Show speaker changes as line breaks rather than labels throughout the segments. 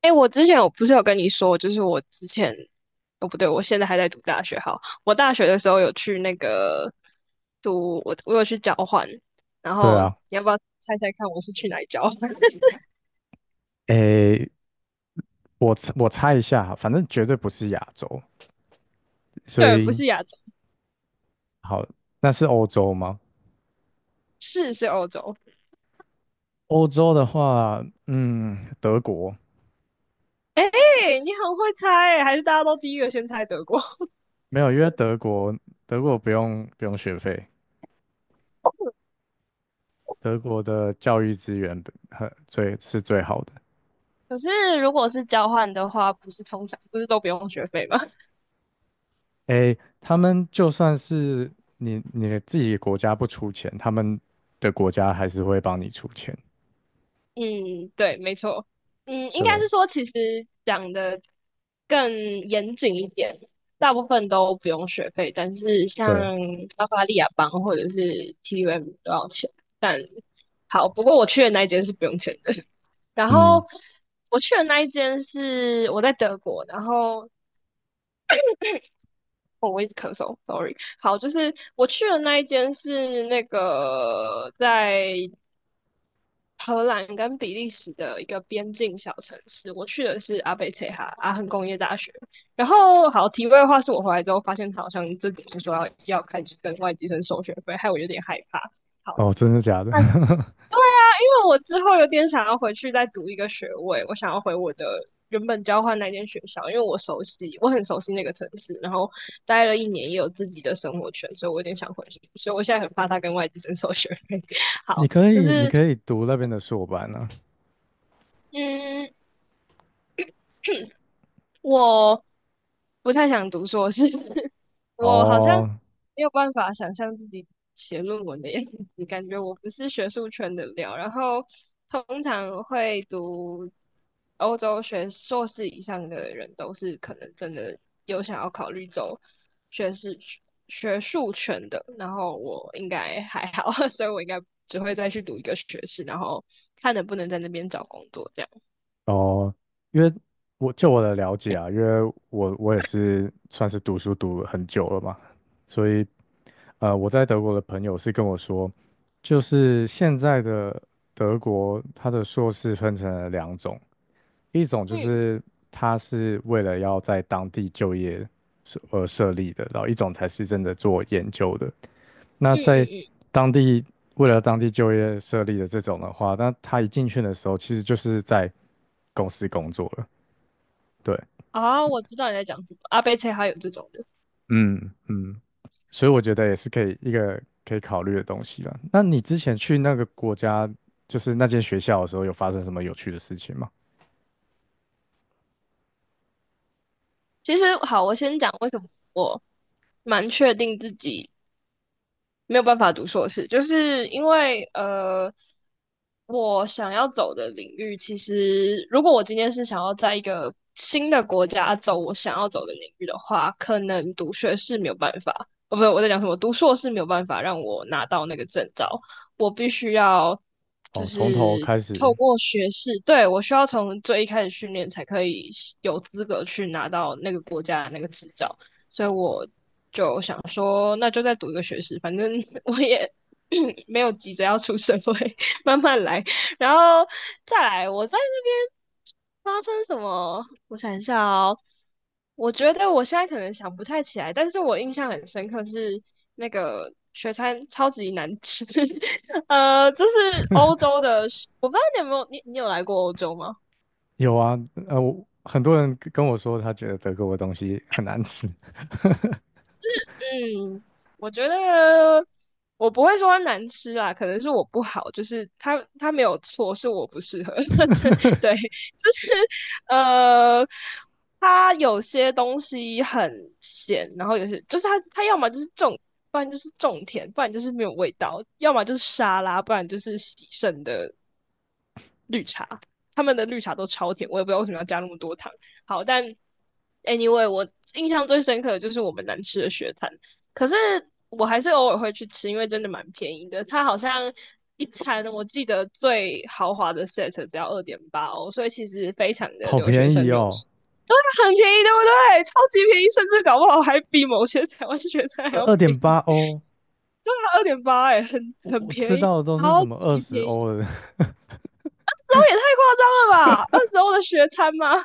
哎，我之前不是有跟你说，就是我之前哦不对，我现在还在读大学。哈。我大学的时候有去那个读，我有去交换，然
对
后你
啊，
要不要猜猜看我是去哪里交换？
诶，我猜一下，反正绝对不是亚洲，所
对，不
以
是亚洲，
好，那是欧洲吗？
是欧洲。
欧洲的话，德国。
哎，你很会猜欸还是大家都第一个先猜德国？
没有，因为德国不用学费，德国的教育资源很最是最好的。
可是如果是交换的话，不是通常不是都不用学费吗？
诶，他们就算是你自己国家不出钱，他们的国家还是会帮你出钱。
嗯，对，没错。嗯，应该
对
是说，其实讲的更严谨一点，大部分都不用学费，但是
对，
像巴伐利亚邦或者是 TUM 都要钱。但好，不过我去的那一间是不用钱的。然
嗯。
后我去的那一间是我在德国，然后哦，我一直咳嗽，sorry。好，就是我去的那一间是那个在荷兰跟比利时的一个边境小城市，我去的是阿贝切哈阿亨工业大学。然后，好，题外话是我回来之后发现，他好像这几天说要开始跟外籍生收学费，害我有点害怕。好，
哦，真的假的？
但是但因为我之后有点想要回去再读一个学位，我想要回我的原本交换那间学校，因为我熟悉，我很熟悉那个城市，然后待了一年也有自己的生活圈，所以我有点想回去，所以我现在很怕他跟外籍生收学费。
你
好，
可
就
以你
是
可以读那边的硕班啊。
嗯。我不太想读硕士，我好像
哦
没有办法想象自己写论文的样子，感觉我不是学术圈的料。然后通常会读欧洲学硕士以上的人，都是可能真的有想要考虑走学士学术圈的。然后我应该还好，所以我应该只会再去读一个学士，然后看能不能在那边找工作这样。
哦，因为就我的了解啊，因为我也是算是读书读了很久了嘛，所以我在德国的朋友是跟我说，就是现在的德国，它的硕士分成了2种，一种就
嗯
是它是为了要在当地就业设立的，然后一种才是真的做研究的。那
嗯
在
嗯嗯。
当地为了当地就业设立的这种的话，那他一进去的时候，其实就是在公司工作了。对，
啊，我知道你在讲什么，阿贝车还有这种的。
嗯嗯。所以我觉得也是可以考虑的东西了。那你之前去那个国家，就是那间学校的时候，有发生什么有趣的事情吗？
其实好，我先讲为什么我蛮确定自己没有办法读硕士，就是因为我想要走的领域，其实如果我今天是想要在一个新的国家走我想要走的领域的话，可能读学士没有办法，哦，不，我在讲什么？读硕士没有办法让我拿到那个证照，我必须要就
哦，从头
是
开
透
始。
过学士，对，我需要从最一开始训练才可以有资格去拿到那个国家的那个执照。所以我就想说，那就再读一个学士，反正 我也 没有急着要出社会，慢慢来。然后再来，我在那边发生什么？我想一下哦，我觉得我现在可能想不太起来，但是我印象很深刻是那个学餐超级难吃，就是欧洲的我不知道你有没有，你有来过欧洲吗？
有啊，很多人跟我说他觉得德国的东西很难吃，
嗯，我觉得我不会说它难吃啦，可能是我不好，就是它没有错，是我不适合。对对就是呃，它有些东西很咸，然后有些就是它要么就是重，不然就是重甜，不然就是没有味道，要么就是沙拉，不然就是喜剩的他们的绿茶都超甜，我也不知道为什么要加那么多糖。好，但 anyway，我印象最深刻的就是我们难吃的雪摊，可是我还是偶尔会去吃，因为真的蛮便宜的。它好像一餐我记得最豪华的 set 只要2.8哦，所以其实非常 的
好
留学
便宜
生友
哦。
善，它很便宜，对不对？超级便宜，甚至搞不好还比某些台湾学生还
二
要
二
便
点
宜。
八欧。
对啊，二点八哎，很
我
很
我吃
便宜。
到的都是
超
什么
级
二十
便宜，
欧的。
这也太夸张了吧？二十欧的学餐吗？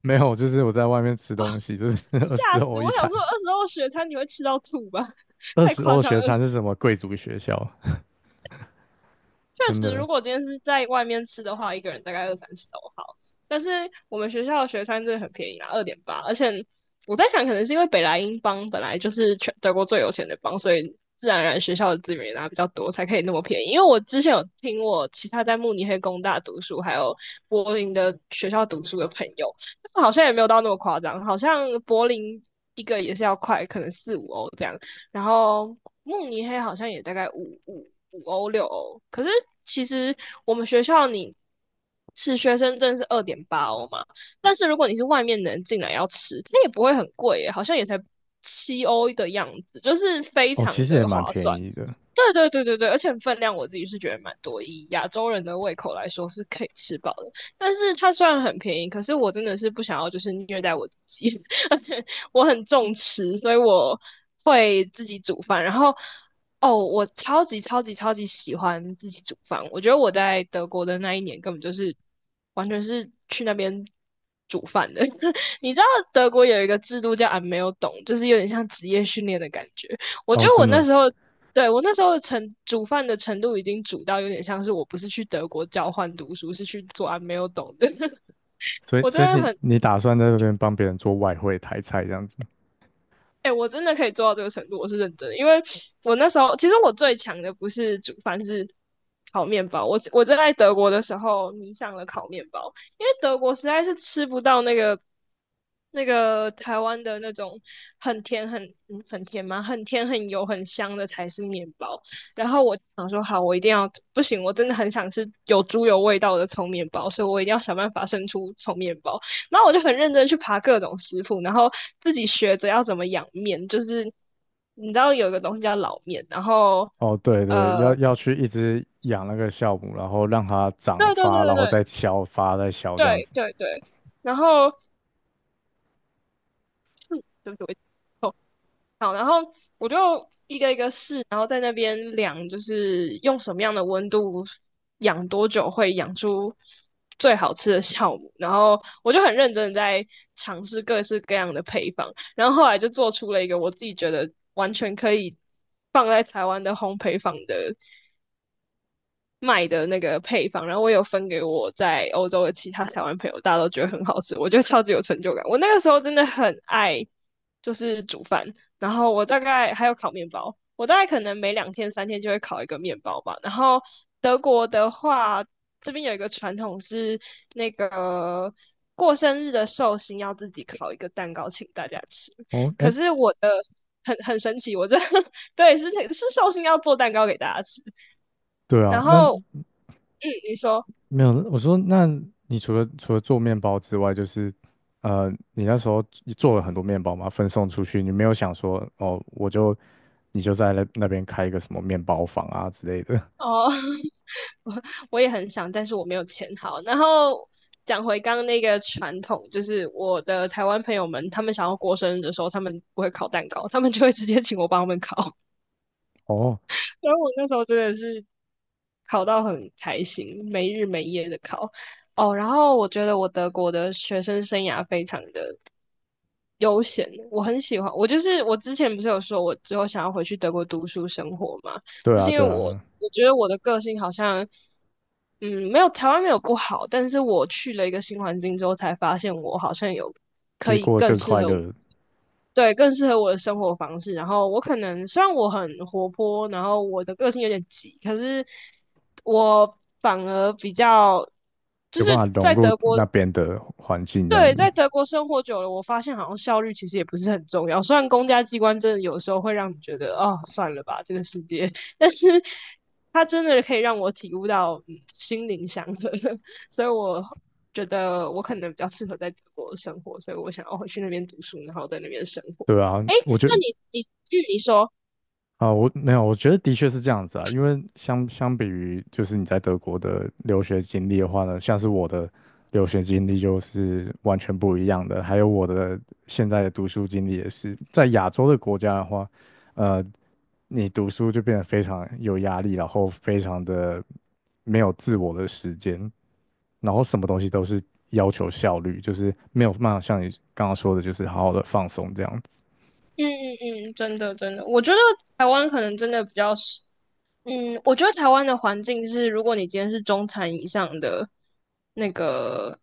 没有，就是我在外面吃东西，就是 二十
吓死！
欧一
我想
餐。
说，二十欧雪餐你会吃到吐吧？
二
太
十
夸
欧
张
学
了。二
餐
十
是什么贵族学校？
确
真
实，
的
如果今天是在外面吃的话，一个人大概二三十欧好。但是我们学校的学餐真的很便宜啦，二点八。而且我在想，可能是因为北莱茵邦本来就是全德国最有钱的邦，所以自然而然学校的资源也拿比较多，才可以那么便宜。因为我之前有听我其他在慕尼黑工大读书，还有柏林的学校读书的朋友，他们好像也没有到那么夸张，好像柏林一个也是要快，可能4、5欧这样。然后慕尼黑好像也大概五五五欧六欧，可是其实我们学校你吃学生证是2.8欧嘛，但是如果你是外面的人进来要吃，它也不会很贵耶好像也才7欧的样子，就是非
哦，其
常
实也
的划
蛮便
算。
宜的。
对对对对对，而且分量我自己是觉得蛮多，以亚洲人的胃口来说是可以吃饱的。但是它虽然很便宜，可是我真的是不想要就是虐待我自己。我很重吃，所以我会自己煮饭。然后，哦，我超级超级超级喜欢自己煮饭。我觉得我在德国的那一年根本就是完全是去那边煮饭的。你知道德国有一个制度叫 a 没有懂，就是有点像职业训练的感觉。我觉
哦，
得我
真
那
的。
时候。对，我那时候的煮饭的程度已经煮到有点像是我不是去德国交换读书，是去做 a 没有懂的。
所以，
我真
所以
的
你
很
你打算在那边帮别人做外汇台菜这样子？
哎、我真的可以做到这个程度，我是认真的。因为我那时候，其实我最强的不是煮饭，是烤面包。我就在德国的时候迷上了烤面包，因为德国实在是吃不到那个那个台湾的那种很甜很很甜吗？很甜很油很香的台式面包。然后我想说，好，我一定要不行，我真的很想吃有猪油味道的葱面包，所以我一定要想办法生出葱面包。然后我就很认真去爬各种师傅，然后自己学着要怎么养面，就是你知道有一个东西叫老面，然后
哦，对对，要
呃，
要去一直养那个酵母，然后让它长
对对
发，
对
然后
对
再消发，再消这样
对
子。
对对对，然后嗯，对不起，我好，然后我就一个一个试，然后在那边量，就是用什么样的温度养多久会养出最好吃的酵母。然后我就很认真的在尝试各式各样的配方，然后后来就做出了一个我自己觉得完全可以放在台湾的烘焙坊的卖的那个配方，然后我有分给我在欧洲的其他台湾朋友，大家都觉得很好吃，我觉得超级有成就感。我那个时候真的很爱，就是煮饭，然后我大概还有烤面包，我大概可能每两天三天就会烤一个面包吧。然后德国的话，这边有一个传统是那个。过生日的寿星要自己烤一个蛋糕请大家吃，
哦，
可
哎，
是我的很很神奇，我这 对是寿星要做蛋糕给大家吃，
对啊。
然
那
后嗯，你说
没有，我说那你除了做面包之外，就是你那时候做了很多面包嘛，分送出去，你没有想说哦，你就在那边开一个什么面包房啊之类的。
哦，我我也很想，但是我没有钱。好，然后讲回刚刚那个传统，就是我的台湾朋友们，他们想要过生日的时候，他们不会烤蛋糕，他们就会直接请我帮他们烤。
哦，
所以我那时候真的是烤到很开心，没日没夜的烤。哦，然后我觉得我德国的学生生涯非常的悠闲，我很喜欢。我就是我之前不是有说，我之后想要回去德国读书生活嘛，
对
就是
啊，
因为
对啊，
我觉得我的个性好像，没有台湾没有不好，但是我去了一个新环境之后，才发现我好像有
可
可
以
以
过得
更
更
适
快
合我，
乐，
对，更适合我的生活方式。然后我可能虽然我很活泼，然后我的个性有点急，可是我反而比较就
有办
是
法融
在
入
德国。
那边的环境这样
对，
子。
在德国生活久了，我发现好像效率其实也不是很重要。虽然公家机关真的有时候会让你觉得哦，算了吧，这个世界，但是它真的可以让我体悟到、心灵祥和，所以我觉得我可能比较适合在德国生活，所以我想要回去那边读书，然后在那边生活。
对啊，
诶，
我觉
那
得
你据你说，
啊，我没有，我觉得的确是这样子啊，因为相比于就是你在德国的留学经历的话呢，像是我的留学经历就是完全不一样的，还有我的现在的读书经历也是，在亚洲的国家的话，呃，你读书就变得非常有压力，然后非常的没有自我的时间，然后什么东西都是要求效率，就是没有办法像你刚刚说的，就是好好的放松这样子。
嗯嗯嗯，真的真的，我觉得台湾可能真的比较适嗯，我觉得台湾的环境是，如果你今天是那个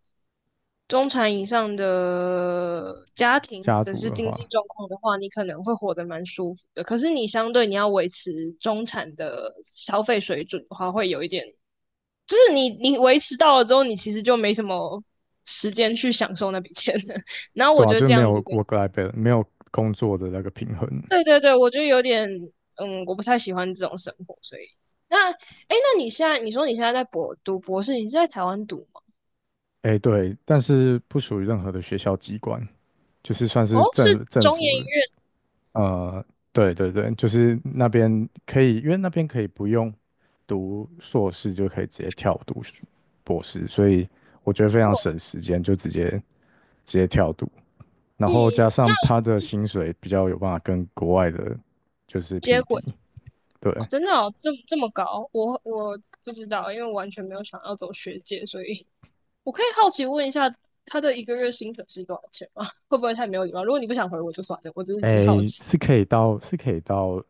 中产以上的家庭或
家
者
族
是
的
经济
话。
状况的话，你可能会活得蛮舒服的。可是你相对你要维持中产的消费水准的话，会有一点，就是你维持到了之后，你其实就没什么时间去享受那笔钱了。然后我
对啊，
觉得
就是
这
没
样子
有
的。
work-life balance,没有工作的那个平衡。
对对对，我就有点，我不太喜欢这种生活，所以那，哎，那你现在在读博士，你是在台湾读吗？
哎，对，但是不属于任何的学校机关，就是算是
哦，是
政政
中研
府的。
院，
呃，对对对，就是那边可以，因为那边可以不用读硕士就可以直接跳读博士，所以我觉得非常省时间，就直接跳读。然
嗯，
后加
那
上他的薪水比较有办法跟国外的，就是
接
匹
轨
敌。对，
哦真的哦，这么这么高，我不知道，因为我完全没有想要走学界，所以我可以好奇问一下，他的一个月薪水是多少钱吗？会不会太没有礼貌？如果你不想回我就算了，我真的只是好
诶，
奇。
是可以到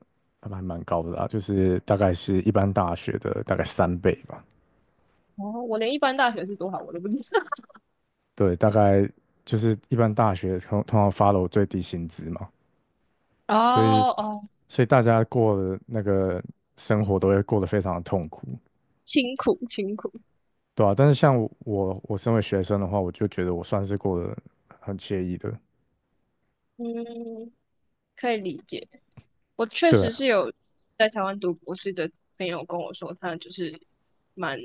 还蛮高的啦，就是大概是一般大学的大概3倍吧。
哦，我连一般大学是多少我都不知道。
对，大概就是一般大学通常 follow 最低薪资嘛，所以
哦哦，
所以大家过的那个生活都会过得非常的痛苦。
辛苦辛苦，
对啊，但是像我身为学生的话，我就觉得我算是过得很惬意的。
嗯，可以理解。我确
对
实
啊，
是有在台湾读博士的朋友跟我说，他就是蛮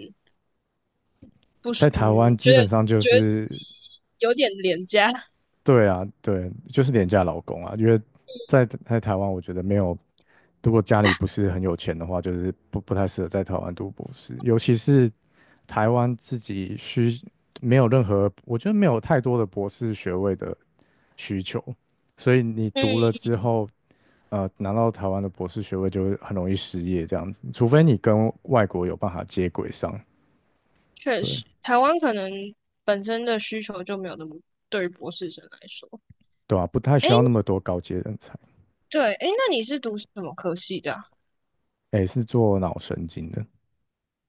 不
在
是，嗯，
台湾
觉
基
得
本上就
觉得自
是。
己有点廉价。
对啊，对，就是廉价劳工啊，因为在台湾，我觉得没有，如果家里不是很有钱的话，就是不太适合在台湾读博士，尤其是台湾自己没有任何，我觉得没有太多的博士学位的需求，所以你读
嗯，
了之后，拿到台湾的博士学位就会很容易失业这样子，除非你跟外国有办法接轨上，
确
对。
实，台湾可能本身的需求就没有那么对于博士生来说。
对啊，不太
诶，
需要那么多高阶人才。
对，诶，那你是读什么科系的啊？
诶，是做脑神经的。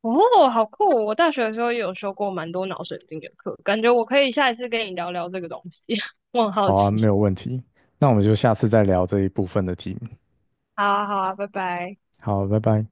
哦，好酷哦。我大学的时候也有修过蛮多脑神经的课，感觉我可以下一次跟你聊聊这个东西，我很好
好啊，没
奇。
有问题。那我们就下次再聊这一部分的题目。
好啊，好啊，拜拜。
好，拜拜。